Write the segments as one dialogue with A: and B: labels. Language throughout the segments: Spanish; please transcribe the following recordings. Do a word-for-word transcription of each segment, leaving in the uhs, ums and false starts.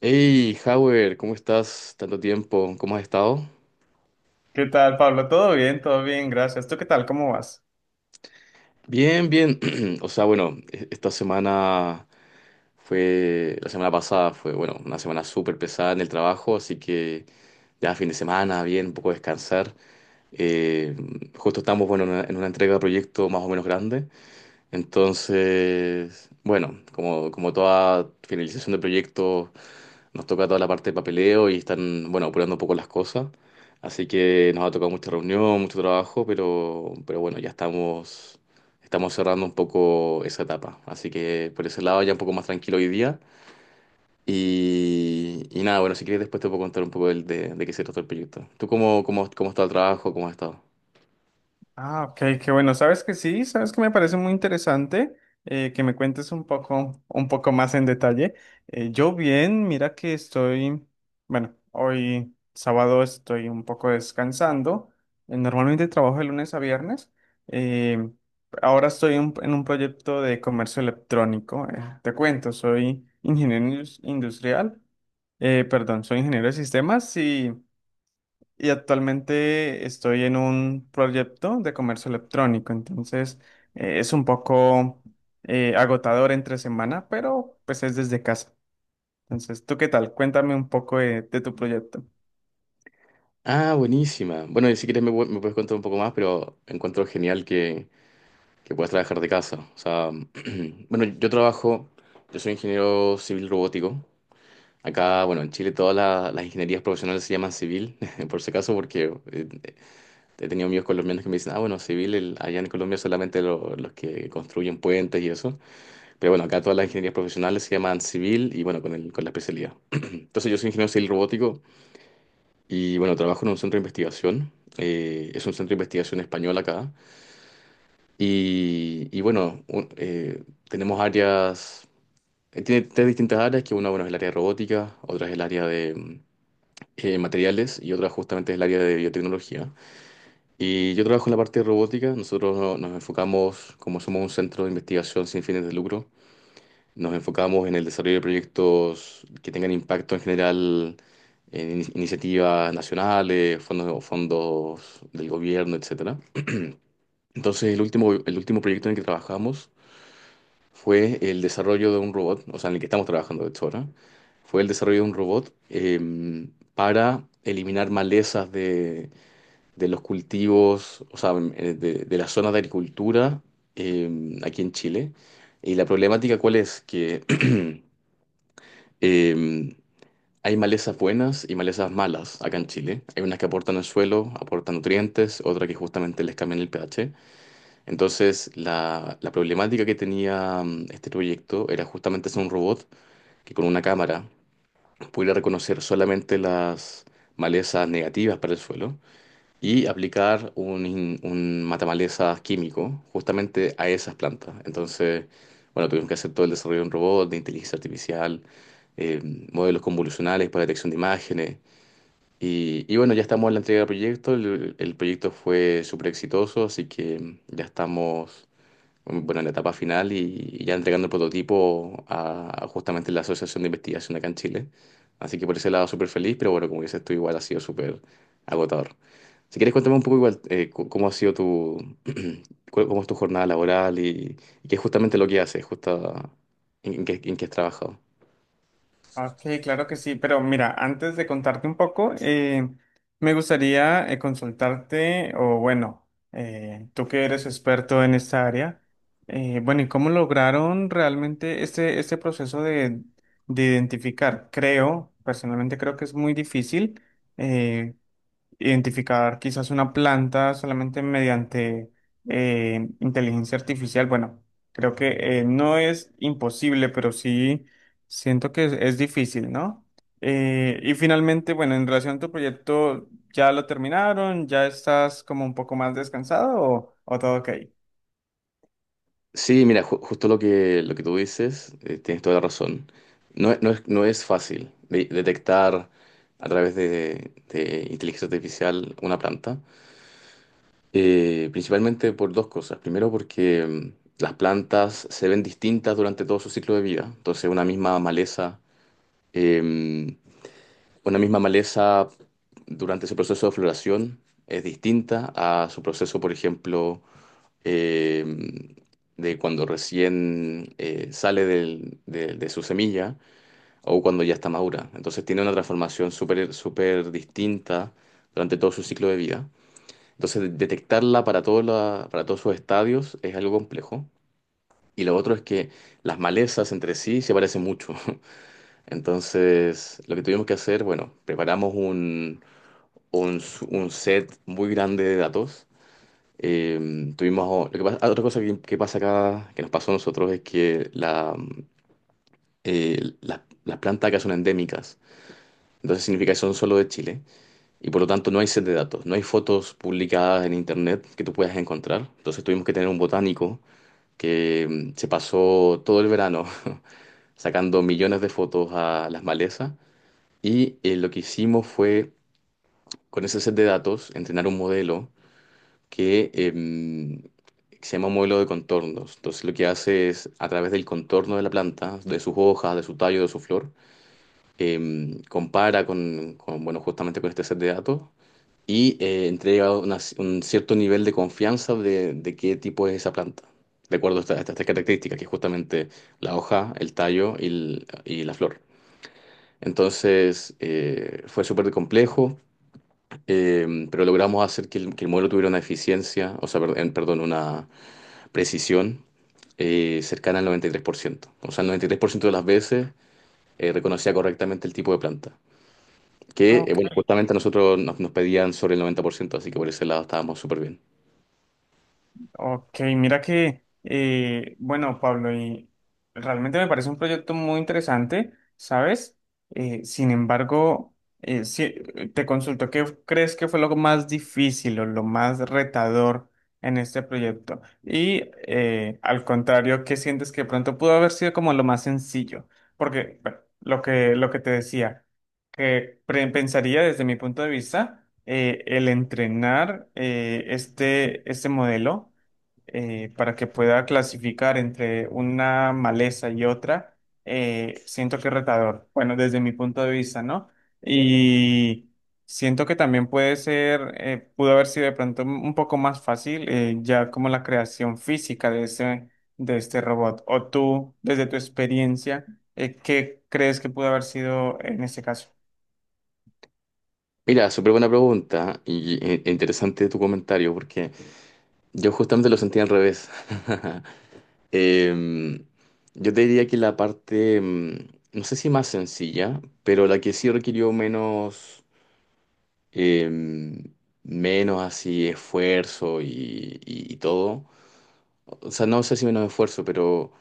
A: Hey, Howard, ¿cómo estás? Tanto tiempo, ¿cómo has estado?
B: ¿Qué tal, Pablo? ¿Todo bien? Todo bien, gracias. ¿Tú qué tal? ¿Cómo vas?
A: Bien, bien. O sea, bueno, e- esta semana fue, la semana pasada fue, bueno, una semana súper pesada en el trabajo, así que ya fin de semana, bien, un poco descansar. Eh, Justo estamos, bueno, en una, en una entrega de proyecto más o menos grande. Entonces, bueno, como, como toda finalización de proyecto, nos toca toda la parte de papeleo y están, bueno, apurando un poco las cosas. Así que nos ha tocado mucha reunión, mucho trabajo, pero, pero, bueno, ya estamos, estamos cerrando un poco esa etapa. Así que por ese lado ya un poco más tranquilo hoy día. Y, y nada, bueno, si quieres después te puedo contar un poco del- de, de qué se trata el proyecto. ¿Tú cómo, cómo, cómo está el trabajo? ¿Cómo has estado?
B: Ah, ok, qué bueno. Sabes que sí, sabes que me parece muy interesante eh, que me cuentes un poco, un poco más en detalle. Eh, yo bien, mira que estoy, bueno, hoy sábado estoy un poco descansando. Eh, Normalmente trabajo de lunes a viernes. Eh, Ahora estoy un- en un proyecto de comercio electrónico. Eh, te cuento, soy ingeniero indus- industrial, eh, perdón, soy ingeniero de sistemas y... Y actualmente estoy en un proyecto de comercio electrónico, entonces eh, es un poco eh, agotador entre semana, pero pues es desde casa. Entonces, ¿tú qué tal? Cuéntame un poco de, de tu proyecto.
A: Ah, buenísima. Bueno, y si quieres me, pu- me puedes contar un poco más, pero encuentro genial que, que puedas trabajar de casa. O sea, bueno, yo trabajo, yo soy ingeniero civil robótico. Acá, bueno, en Chile todas la- las ingenierías profesionales se llaman civil, por si acaso, porque eh, he tenido amigos colombianos que me dicen, ah, bueno, civil, el- allá en Colombia solamente lo- los que construyen puentes y eso. Pero bueno, acá todas las ingenierías profesionales se llaman civil y bueno, con, el, con la especialidad. Entonces yo soy ingeniero civil robótico y bueno, trabajo en un centro de investigación. Eh, es un centro de investigación español acá. Y, y bueno, un- eh, tenemos áreas, eh, tiene tres distintas áreas, que una, bueno, es el área de robótica, otra es el área de mm, eh, materiales y otra justamente es el área de biotecnología. Y yo trabajo en la parte de robótica, nosotros no- nos enfocamos, como somos un centro de investigación sin fines de lucro, nos enfocamos en el desarrollo de proyectos que tengan impacto en general en ini- iniciativas nacionales, fondos, fondos del gobierno, etcétera. Entonces, el último, el último proyecto en el que trabajamos fue el desarrollo de un robot, o sea, en el que estamos trabajando de hecho ahora, fue el desarrollo de un robot eh, para eliminar malezas de, de los cultivos, o sea, em, eh, de, de las zonas de agricultura eh, aquí en Chile. Y la problemática, ¿cuál es? Que eh, hay malezas buenas y malezas malas acá en Chile. Hay unas que aportan al suelo, aportan nutrientes, otras que justamente les cambian el pH. Entonces, la, la problemática que tenía mm, este proyecto era justamente hacer un robot que con una cámara pudiera reconocer solamente las malezas negativas para el suelo y aplicar un, in- un matamalezas químico justamente a esas plantas. Entonces, bueno, tuvimos que hacer todo el desarrollo de un robot, de inteligencia artificial, eh, modelos convolucionales para detección de imágenes. Y, y, bueno, ya estamos en la entrega del proyecto, el, el proyecto fue súper exitoso, así que ya estamos, bueno, en la etapa final y, y ya entregando el prototipo a, a justamente la Asociación de Investigación acá en Chile. Así que por ese lado súper feliz, pero bueno, como dices tú, igual ha sido súper agotador. Si quieres, cuéntame un poco igual, eh, cu- cómo ha sido tu, cu- cómo es tu jornada laboral y, y qué es justamente lo que haces, justo en, en qué, en qué has trabajado.
B: Ok, claro que sí, pero mira, antes de contarte un poco, eh, me gustaría eh, consultarte, o bueno, eh, tú que eres experto en esta área, eh, bueno, ¿y cómo lograron realmente este, este proceso de, de identificar? Creo, personalmente creo que es muy difícil, eh, identificar quizás una planta solamente mediante eh, inteligencia artificial. Bueno, creo que eh, no es imposible, pero sí siento que es, es difícil, ¿no? Eh, y finalmente, bueno, en relación a tu proyecto, ¿ya lo terminaron? ¿Ya estás como un poco más descansado o, o todo ok?
A: Sí, mira, ju- justo lo que, lo que tú dices, eh, tienes toda la razón. No, es, no es no es fácil de- detectar a través de, de inteligencia artificial una planta. Eh, principalmente por dos cosas. Primero porque mm, las plantas se ven distintas durante todo su ciclo de vida. Entonces una misma maleza, eh, una misma maleza durante su proceso de floración es distinta a su proceso, por ejemplo, eh, de cuando recién eh, sale del- de, de su semilla o cuando ya está madura. Entonces tiene una transformación súper súper distinta durante todo su ciclo de vida. Entonces, de- detectarla para todos la- para todos sus estadios es algo complejo. Y lo otro es que las malezas entre sí se parecen mucho. Entonces, lo que tuvimos que hacer, bueno, preparamos un, un, s- un set muy grande de datos. Eh, tuvimos, oh, lo que pasa- otra cosa que, que pasa acá, que nos pasó a nosotros, es que la, eh, la- las plantas acá son endémicas. Entonces significa que son solo de Chile. Y por lo tanto no hay set de datos, no hay fotos publicadas en internet que tú puedas encontrar. Entonces tuvimos que tener un botánico que mm, se pasó todo el verano sacando millones de fotos a las malezas y eh, lo que hicimos fue, con ese set de datos, entrenar un modelo que em, se llama un modelo de contornos. Entonces lo que hace es, a través del contorno de la planta, de sus hojas, de su tallo, de su flor, em, compara con, con, bueno, justamente con este set de datos y eh, entrega una- un cierto nivel de confianza de, de, qué tipo es esa planta, de acuerdo a esta- a estas tres características, que es justamente la hoja, el tallo y, el- y la flor. Entonces, eh, fue súper complejo, eh, pero logramos hacer que el, que el modelo tuviera una eficiencia, o sea, perd- perdón, una precisión eh, cercana al noventa y tres por ciento. O sea, el noventa y tres por ciento de las veces eh, reconocía correctamente el tipo de planta,
B: Ah,
A: que, eh,
B: ok.
A: bueno, justamente a nosotros nos, nos pedían sobre el noventa por ciento, así que por ese lado estábamos súper bien.
B: Ok, mira que, eh, bueno, Pablo, y realmente me parece un proyecto muy interesante, ¿sabes? Eh, sin embargo, eh, sí, te consulto, ¿qué crees que fue lo más difícil o lo más retador en este proyecto? Y eh, al contrario, ¿qué sientes que pronto pudo haber sido como lo más sencillo? Porque, bueno, lo que, lo que te decía, que pre- pensaría desde mi punto de vista eh, el entrenar eh, este, este modelo eh, para que pueda clasificar entre una maleza y otra, eh, siento que es retador. Bueno, desde mi punto de vista, ¿no? Y siento que también puede ser, eh, pudo haber sido de pronto un un poco más fácil, eh, ya como la creación física de ese, de este robot. O tú, desde tu experiencia, eh, ¿qué crees que pudo haber sido en este caso?
A: Mira, súper buena pregunta y e- e interesante tu comentario porque yo justamente lo sentía al revés. Em, yo te diría que la parte, em, no sé si más sencilla, pero la que sí requirió menos, em, menos así esfuerzo y, y- y todo. O sea, no sé si menos esfuerzo, pero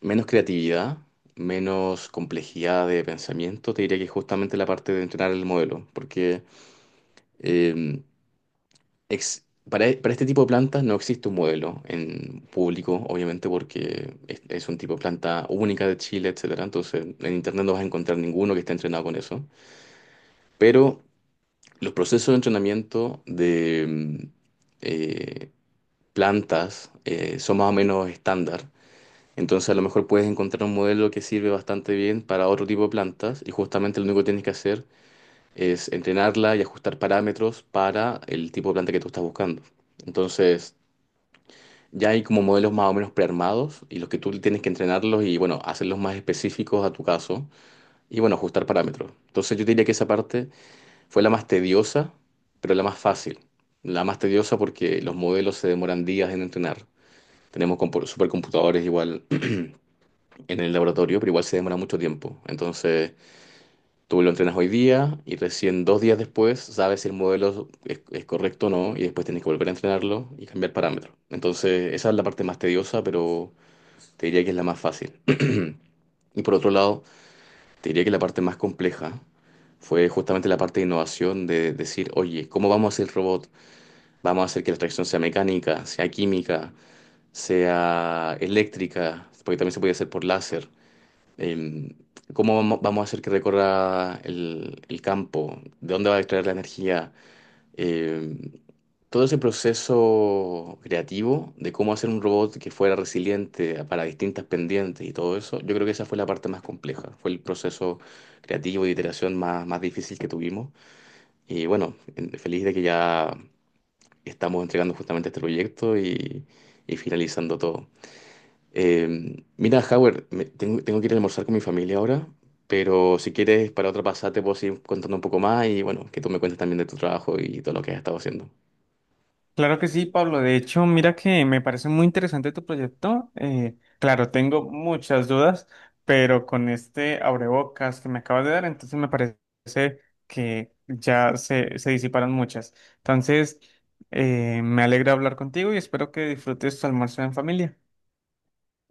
A: menos creatividad, menos complejidad de pensamiento, te diría que justamente la parte de entrenar el modelo, porque em, ex- para, para este tipo de plantas no existe un modelo en público, obviamente, porque es, es un tipo de planta única de Chile, etcétera. Entonces, en internet no vas a encontrar ninguno que esté entrenado con eso. Pero los procesos de entrenamiento de mm, eh, plantas eh, son más o menos estándar. Entonces, a lo mejor puedes encontrar un modelo que sirve bastante bien para otro tipo de plantas y justamente lo único que tienes que hacer es entrenarla y ajustar parámetros para el tipo de planta que tú estás buscando. Entonces, ya hay como modelos más o menos prearmados y los que tú tienes que entrenarlos y, bueno, hacerlos más específicos a tu caso y, bueno, ajustar parámetros. Entonces yo diría que esa parte fue la más tediosa, pero la más fácil. La más tediosa porque los modelos se demoran días en entrenar. Tenemos compu- supercomputadores igual en el laboratorio, pero igual se demora mucho tiempo. Entonces tú lo entrenas hoy día y recién dos días después sabes si el modelo es, es correcto o no y después tienes que volver a entrenarlo y cambiar parámetros. Entonces esa es la parte más tediosa, pero te diría que es la más fácil. Y por otro lado, te diría que la parte más compleja fue justamente la parte de innovación, de decir, oye, ¿cómo vamos a hacer el robot? Vamos a hacer que la tracción sea mecánica, sea química, sea eléctrica, porque también se puede hacer por láser. Em, ¿cómo vamo- vamos a hacer que recorra el, el campo? ¿De dónde va a extraer la energía? Em, Todo ese proceso creativo de cómo hacer un robot que fuera resiliente para distintas pendientes y todo eso, yo creo que esa fue la parte más compleja. Fue el proceso creativo y de iteración más, más difícil que tuvimos. Y bueno, en- feliz de que ya estamos entregando justamente este proyecto y, y finalizando todo. Eh, mira, Howard, me- tengo, tengo que ir a almorzar con mi familia ahora, pero si quieres, para otra pasada te puedo seguir contando un poco más y, bueno, que tú me cuentes también de tu trabajo y todo lo que has estado haciendo.
B: Claro que sí, Pablo. De hecho, mira que me parece muy interesante tu proyecto. Eh, claro, tengo muchas dudas, pero con este abrebocas que me acabas de dar, entonces me parece que ya se, se disiparon muchas. Entonces, eh, me alegra hablar contigo y espero que disfrutes tu almuerzo en familia.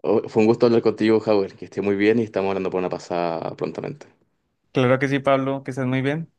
A: Oh, fue un gusto hablar contigo, Howard. Que esté muy bien y estamos hablando por una pasada prontamente.
B: Claro que sí, Pablo, que estés muy bien.